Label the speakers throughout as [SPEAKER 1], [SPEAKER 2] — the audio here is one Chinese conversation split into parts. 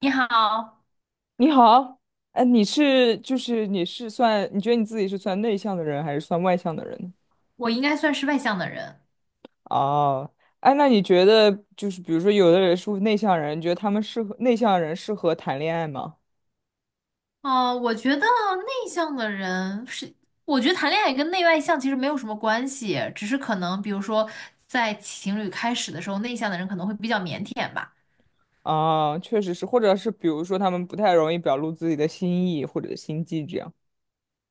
[SPEAKER 1] 你好，
[SPEAKER 2] 你好。哎，你是就是你是算，你觉得你自己是算内向的人还是算外向的人呢？
[SPEAKER 1] 我应该算是外向的人。
[SPEAKER 2] 哦。哎，那你觉得就是比如说有的人是内向人，你觉得他们适合内向人适合谈恋爱吗？
[SPEAKER 1] 哦，我觉得谈恋爱跟内外向其实没有什么关系，只是可能比如说在情侣开始的时候，内向的人可能会比较腼腆吧。
[SPEAKER 2] 啊，确实是，或者是比如说他们不太容易表露自己的心意或者心机这样。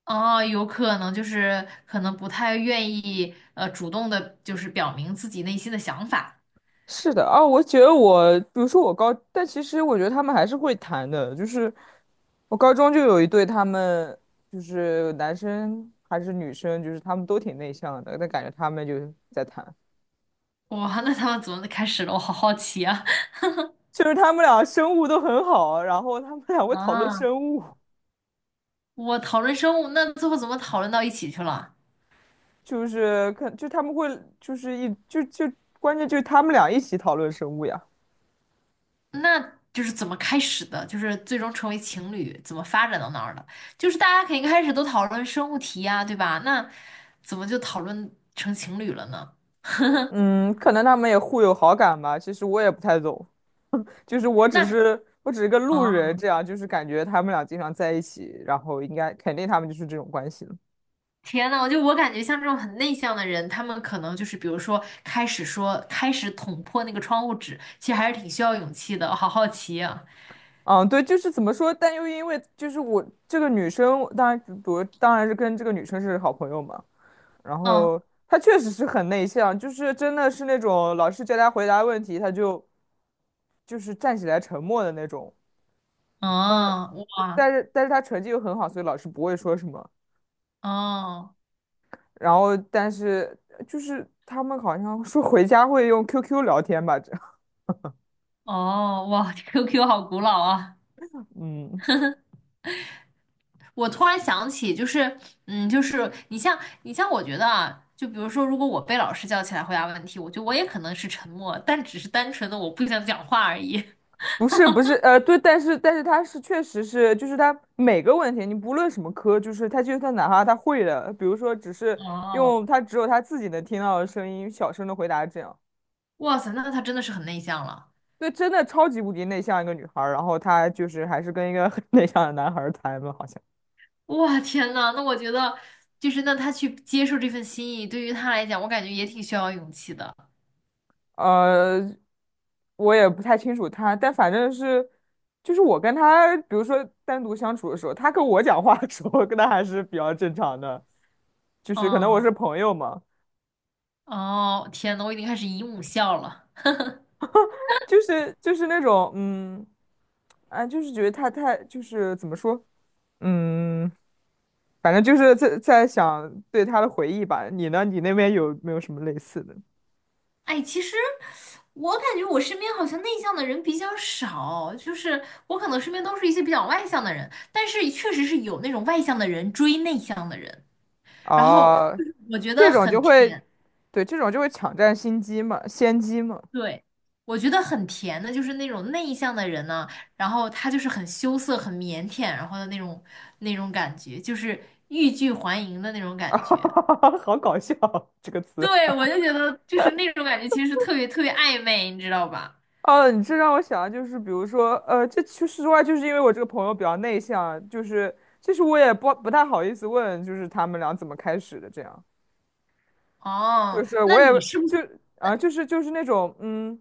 [SPEAKER 1] 哦，有可能就是可能不太愿意主动的，就是表明自己内心的想法。
[SPEAKER 2] 是的。啊，我觉得我，比如说但其实我觉得他们还是会谈的，就是我高中就有一对，他们就是男生还是女生，就是他们都挺内向的，但感觉他们就在谈。
[SPEAKER 1] 哇，那他们怎么开始了？我好好奇啊！
[SPEAKER 2] 就是他们俩生物都很好，然后他们俩 会讨论
[SPEAKER 1] 啊，
[SPEAKER 2] 生物。
[SPEAKER 1] 我讨论生物，那最后怎么讨论到一起去了？
[SPEAKER 2] 就是可就他们会就是一就就关键就是他们俩一起讨论生物呀。
[SPEAKER 1] 那就是怎么开始的，就是最终成为情侣，怎么发展到那儿的？就是大家肯定开始都讨论生物题呀，对吧？那怎么就讨论成情侣了呢？
[SPEAKER 2] 嗯，可能他们也互有好感吧，其实我也不太懂。就是我只
[SPEAKER 1] 那
[SPEAKER 2] 是我只是个路
[SPEAKER 1] 啊，
[SPEAKER 2] 人，这样就是感觉他们俩经常在一起，然后应该肯定他们就是这种关系了。
[SPEAKER 1] 天呐，我感觉像这种很内向的人，他们可能就是比如说开始捅破那个窗户纸，其实还是挺需要勇气的。我好好奇啊，
[SPEAKER 2] 嗯，对，就是怎么说，但又因为就是我这个女生，当然当然是跟这个女生是好朋友嘛。然
[SPEAKER 1] 嗯，
[SPEAKER 2] 后她确实是很内向，就是真的是那种老师叫她回答问题，她就是站起来沉默的那种。嗯，
[SPEAKER 1] 哦，哇，
[SPEAKER 2] 但是她成绩又很好，所以老师不会说什么。
[SPEAKER 1] 哦
[SPEAKER 2] 然后但是就是他们好像说回家会用 QQ 聊天吧，这样。
[SPEAKER 1] 哦，哇，QQ 好古老啊。
[SPEAKER 2] 嗯。
[SPEAKER 1] 我突然想起，就是，嗯，就是你像你像，我觉得啊，就比如说，如果我被老师叫起来回答问题，我觉得我也可能是沉默，但只是单纯的我不想讲话而已。
[SPEAKER 2] 不是不是，对，但是确实是，就是他每个问题，你不论什么科，就是他就算哪怕他会的，比如说只 是
[SPEAKER 1] 哦，
[SPEAKER 2] 用他只有他自己能听到的声音，小声的回答这样。
[SPEAKER 1] 哇塞，那他真的是很内向了。
[SPEAKER 2] 对，真的超级无敌内向一个女孩儿，然后她就是还是跟一个很内向的男孩儿谈了，好像。
[SPEAKER 1] 哇，天呐，那我觉得就是那他去接受这份心意，对于他来讲，我感觉也挺需要勇气的。
[SPEAKER 2] 呃，我也不太清楚他，但反正是，就是我跟他，比如说单独相处的时候，他跟我讲话的时候，跟他还是比较正常的，就是可能我
[SPEAKER 1] 嗯，
[SPEAKER 2] 是朋友嘛。
[SPEAKER 1] 哦，天呐，我已经开始姨母笑了。
[SPEAKER 2] 就是那种，啊，就是觉得他太就是怎么说，嗯，反正就是在想对他的回忆吧。你呢？你那边有没有什么类似的？
[SPEAKER 1] 哎，其实我感觉我身边好像内向的人比较少，就是我可能身边都是一些比较外向的人，但是确实是有那种外向的人追内向的人，然后
[SPEAKER 2] 啊？
[SPEAKER 1] 就是我觉得
[SPEAKER 2] 这种
[SPEAKER 1] 很
[SPEAKER 2] 就会，
[SPEAKER 1] 甜，
[SPEAKER 2] 对，这种就会抢占心机嘛，先机嘛。
[SPEAKER 1] 对，我觉得很甜的，就是那种内向的人呢，然后他就是很羞涩、很腼腆，然后的那种那种感觉，就是欲拒还迎的那种
[SPEAKER 2] 啊，
[SPEAKER 1] 感觉。
[SPEAKER 2] 好搞笑这个词。
[SPEAKER 1] 对，我就觉得就是那种感觉，其实是特别特别暧昧，你知道吧？
[SPEAKER 2] 哦，你这让我想，就是比如说，这其实实话，就是因为我这个朋友比较内向，就是其实我也不太好意思问，就是他们俩怎么开始的这样。就
[SPEAKER 1] 哦，
[SPEAKER 2] 是
[SPEAKER 1] 那
[SPEAKER 2] 我也
[SPEAKER 1] 你是不
[SPEAKER 2] 就
[SPEAKER 1] 是？
[SPEAKER 2] 啊，就是那种，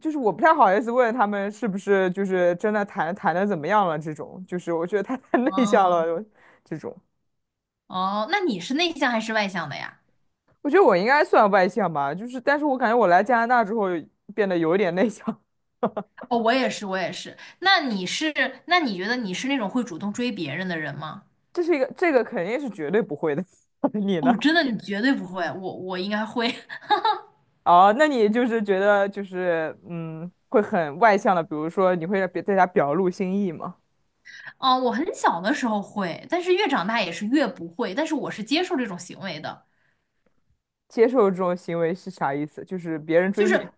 [SPEAKER 2] 就是我不太好意思问他们是不是就是真的谈的怎么样了这种，就是我觉得他 太内向
[SPEAKER 1] 哦。
[SPEAKER 2] 了这种。
[SPEAKER 1] 哦，那你是内向还是外向的呀？
[SPEAKER 2] 我觉得我应该算外向吧，就是但是我感觉我来加拿大之后变得有一点内向。
[SPEAKER 1] 哦，我也是，我也是。那你觉得你是那种会主动追别人的人吗？
[SPEAKER 2] 这个肯定是绝对不会的。你呢？
[SPEAKER 1] 哦，真的，你绝对不会。我应该会。
[SPEAKER 2] 哦，那你就是觉得就是，会很外向的，比如说你会在别在家表露心意吗？
[SPEAKER 1] 哦，我很小的时候会，但是越长大也是越不会。但是我是接受这种行为的，
[SPEAKER 2] 接受这种行为是啥意思？就是别人
[SPEAKER 1] 就
[SPEAKER 2] 追你。
[SPEAKER 1] 是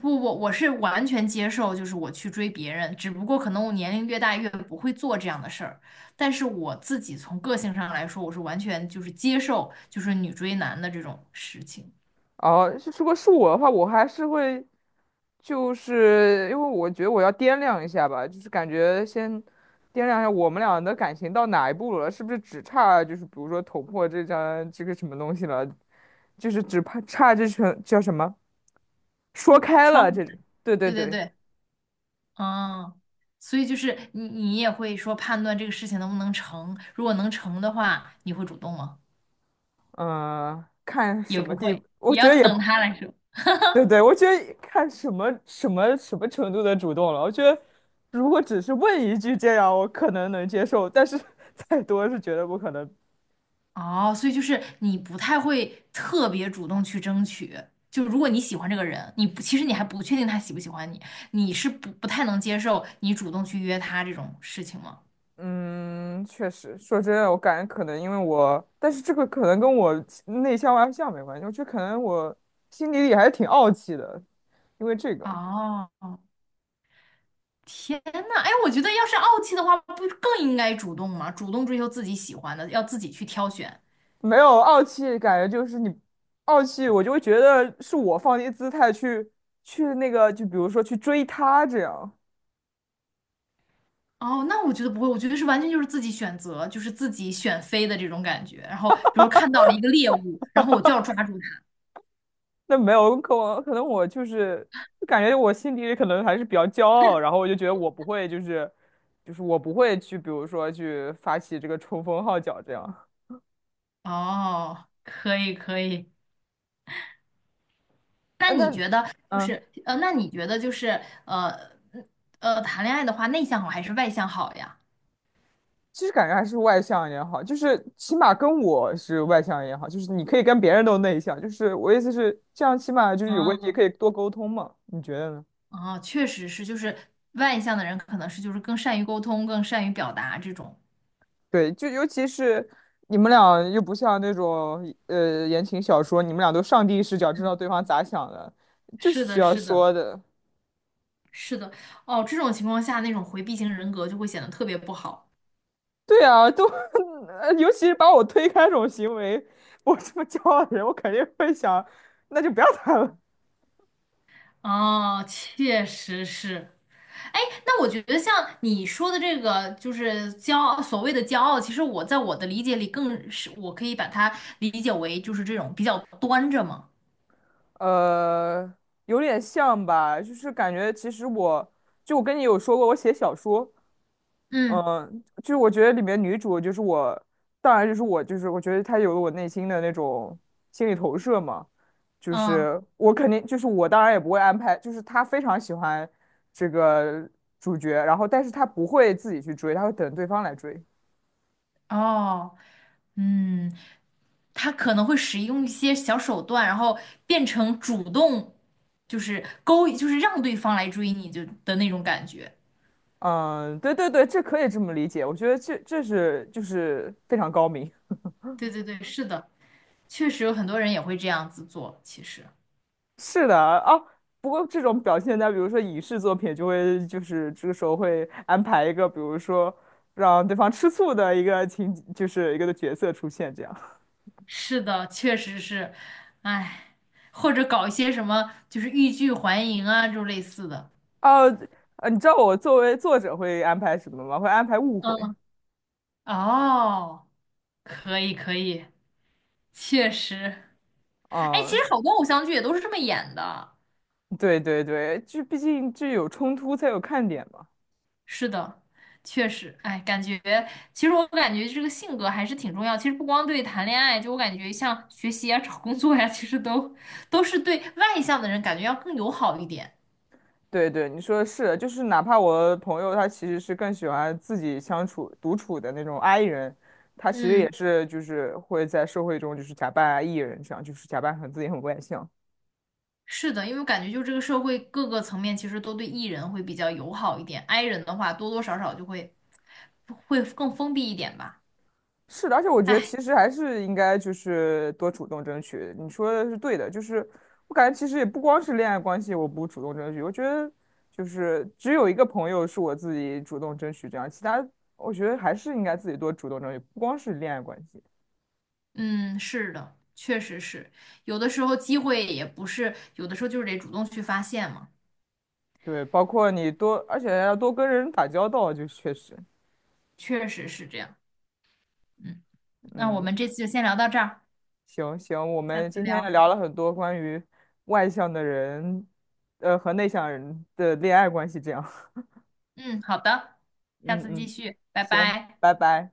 [SPEAKER 1] 不，我是完全接受，就是我去追别人，只不过可能我年龄越大越不会做这样的事儿。但是我自己从个性上来说，我是完全就是接受，就是女追男的这种事情。
[SPEAKER 2] 哦，是如果是我的话，我还是会，就是因为我觉得我要掂量一下吧，就是感觉先掂量一下我们俩的感情到哪一步了，是不是只差就是比如说捅破这个什么东西了，就是只怕差这层叫什么说
[SPEAKER 1] 不，
[SPEAKER 2] 开
[SPEAKER 1] 窗
[SPEAKER 2] 了
[SPEAKER 1] 户。
[SPEAKER 2] 这种，对对
[SPEAKER 1] 对对
[SPEAKER 2] 对。
[SPEAKER 1] 对，嗯，所以就是你你也会说判断这个事情能不能成，如果能成的话，你会主动吗？
[SPEAKER 2] 嗯，看
[SPEAKER 1] 也
[SPEAKER 2] 什么
[SPEAKER 1] 不
[SPEAKER 2] 地
[SPEAKER 1] 会，
[SPEAKER 2] 步，我
[SPEAKER 1] 也
[SPEAKER 2] 觉
[SPEAKER 1] 要
[SPEAKER 2] 得也。
[SPEAKER 1] 等他来说。
[SPEAKER 2] 对对，我觉得看什么程度的主动了。我觉得如果只是问一句这样，我可能能接受，但是 再多是绝对不可能。
[SPEAKER 1] 哦，所以就是你不太会特别主动去争取，就如果你喜欢这个人，你不其实你还不确定他喜不喜欢你，你是不不太能接受你主动去约他这种事情吗？
[SPEAKER 2] 嗯，确实，说真的，我感觉可能因为我，但是这个可能跟我内向外向没关系，我觉得可能我心里还是挺傲气的。因为这个
[SPEAKER 1] 哦，天呐，哎，我觉得要是傲气的话，不更应该主动吗？主动追求自己喜欢的，要自己去挑选。
[SPEAKER 2] 没有傲气，感觉就是你傲气，我就会觉得是我放低姿态去那个，就比如说去追他这样。
[SPEAKER 1] 哦，那我觉得不会，我觉得是完全就是自己选择，就是自己选飞的这种感觉。然后比如说看到了一个猎物，然后我就要抓住它。
[SPEAKER 2] 那没有，可我可能我就是就感觉我心底里可能还是比较骄傲。然后我就觉得我不会就是就是我不会去，比如说去发起这个冲锋号角这样。
[SPEAKER 1] 哦，可以可以。那
[SPEAKER 2] 哎，
[SPEAKER 1] 你
[SPEAKER 2] 那，
[SPEAKER 1] 觉得
[SPEAKER 2] 嗯，
[SPEAKER 1] 就是呃，谈恋爱的话，内向好还是外向好呀？
[SPEAKER 2] 其实感觉还是外向一点好，就是起码跟我是外向也好，就是你可以跟别人都内向，就是我意思是这样，起码就是有问题
[SPEAKER 1] 啊，
[SPEAKER 2] 可以多沟通嘛，你觉得呢？
[SPEAKER 1] 哦，确实是，就是外向的人可能是就是更善于沟通，更善于表达这种。
[SPEAKER 2] 对，就尤其是你们俩又不像那种言情小说，你们俩都上帝视角知道对方咋想的，就
[SPEAKER 1] 是
[SPEAKER 2] 是需
[SPEAKER 1] 的，
[SPEAKER 2] 要
[SPEAKER 1] 是的，
[SPEAKER 2] 说的。
[SPEAKER 1] 是的。哦，这种情况下，那种回避型人格就会显得特别不好。
[SPEAKER 2] 对啊。尤其是把我推开这种行为，我这么骄傲的人，我肯定会想，那就不要谈了。
[SPEAKER 1] 哦，确实是。哎，那我觉得像你说的这个，就是骄傲，所谓的骄傲，其实我在我的理解里，更是我可以把它理解为就是这种比较端着嘛。
[SPEAKER 2] 呃，有点像吧，就是感觉其实我跟你有说过，我写小说。
[SPEAKER 1] 嗯。
[SPEAKER 2] 嗯，就是我觉得里面女主就是我，当然就是我，就是我觉得她有了我内心的那种心理投射嘛，就
[SPEAKER 1] 嗯。
[SPEAKER 2] 是我肯定就是我当然也不会安排，就是她非常喜欢这个主角，然后但是她不会自己去追，她会等对方来追。
[SPEAKER 1] 哦。嗯。他可能会使用一些小手段，然后变成主动，就是勾引，就是让对方来追你就的那种感觉。
[SPEAKER 2] 嗯，对对对，这可以这么理解，我觉得这是就是非常高明。
[SPEAKER 1] 对对对，是的，确实有很多人也会这样子做。其实
[SPEAKER 2] 是的哦，不过这种表现在比如说影视作品，就是这个时候会安排一个，比如说让对方吃醋的一个情，就是一个的角色出现这样。
[SPEAKER 1] 是的，确实是，哎。或者搞一些什么就是欲拒还迎啊，这种类似的。
[SPEAKER 2] 哦，你知道我作为作者会安排什么吗？会安排误会。
[SPEAKER 1] 嗯，哦，可以可以，确实，哎，其实
[SPEAKER 2] 嗯，
[SPEAKER 1] 好多偶像剧也都是这么演的。
[SPEAKER 2] 对对对，就毕竟这有冲突才有看点嘛。
[SPEAKER 1] 是的，确实，哎，其实我感觉这个性格还是挺重要。其实不光对谈恋爱，就我感觉像学习啊、找工作呀、其实都是对外向的人感觉要更友好一点。
[SPEAKER 2] 对对，你说的是，就是哪怕我朋友他其实是更喜欢自己相处独处的那种 I 人，他其实
[SPEAKER 1] 嗯。
[SPEAKER 2] 也是就是会在社会中就是假扮 E 人，这样就是假扮很自己很外向。
[SPEAKER 1] 是的，因为我感觉就这个社会各个层面其实都对 E 人会比较友好一点，I 人的话多多少少就会更封闭一点吧。
[SPEAKER 2] 是的，而且我觉得
[SPEAKER 1] 哎，
[SPEAKER 2] 其实还是应该就是多主动争取。你说的是对的，就是我感觉其实也不光是恋爱关系，我不主动争取，我觉得就是只有一个朋友是我自己主动争取这样，其他我觉得还是应该自己多主动争取，不光是恋爱关系。
[SPEAKER 1] 嗯，是的，确实是，有的时候机会也不是，有的时候就是得主动去发现嘛，
[SPEAKER 2] 对，包括你多，而且要多跟人打交道，就确实。
[SPEAKER 1] 确实是这样。嗯，那我
[SPEAKER 2] 嗯，
[SPEAKER 1] 们这次就先聊到这儿，
[SPEAKER 2] 行行，我
[SPEAKER 1] 下
[SPEAKER 2] 们
[SPEAKER 1] 次
[SPEAKER 2] 今天也
[SPEAKER 1] 聊。
[SPEAKER 2] 聊了很多关于外向的人，和内向人的恋爱关系，这样。
[SPEAKER 1] 嗯，好的，下
[SPEAKER 2] 嗯
[SPEAKER 1] 次继
[SPEAKER 2] 嗯。
[SPEAKER 1] 续，拜
[SPEAKER 2] 行，
[SPEAKER 1] 拜。
[SPEAKER 2] 拜拜。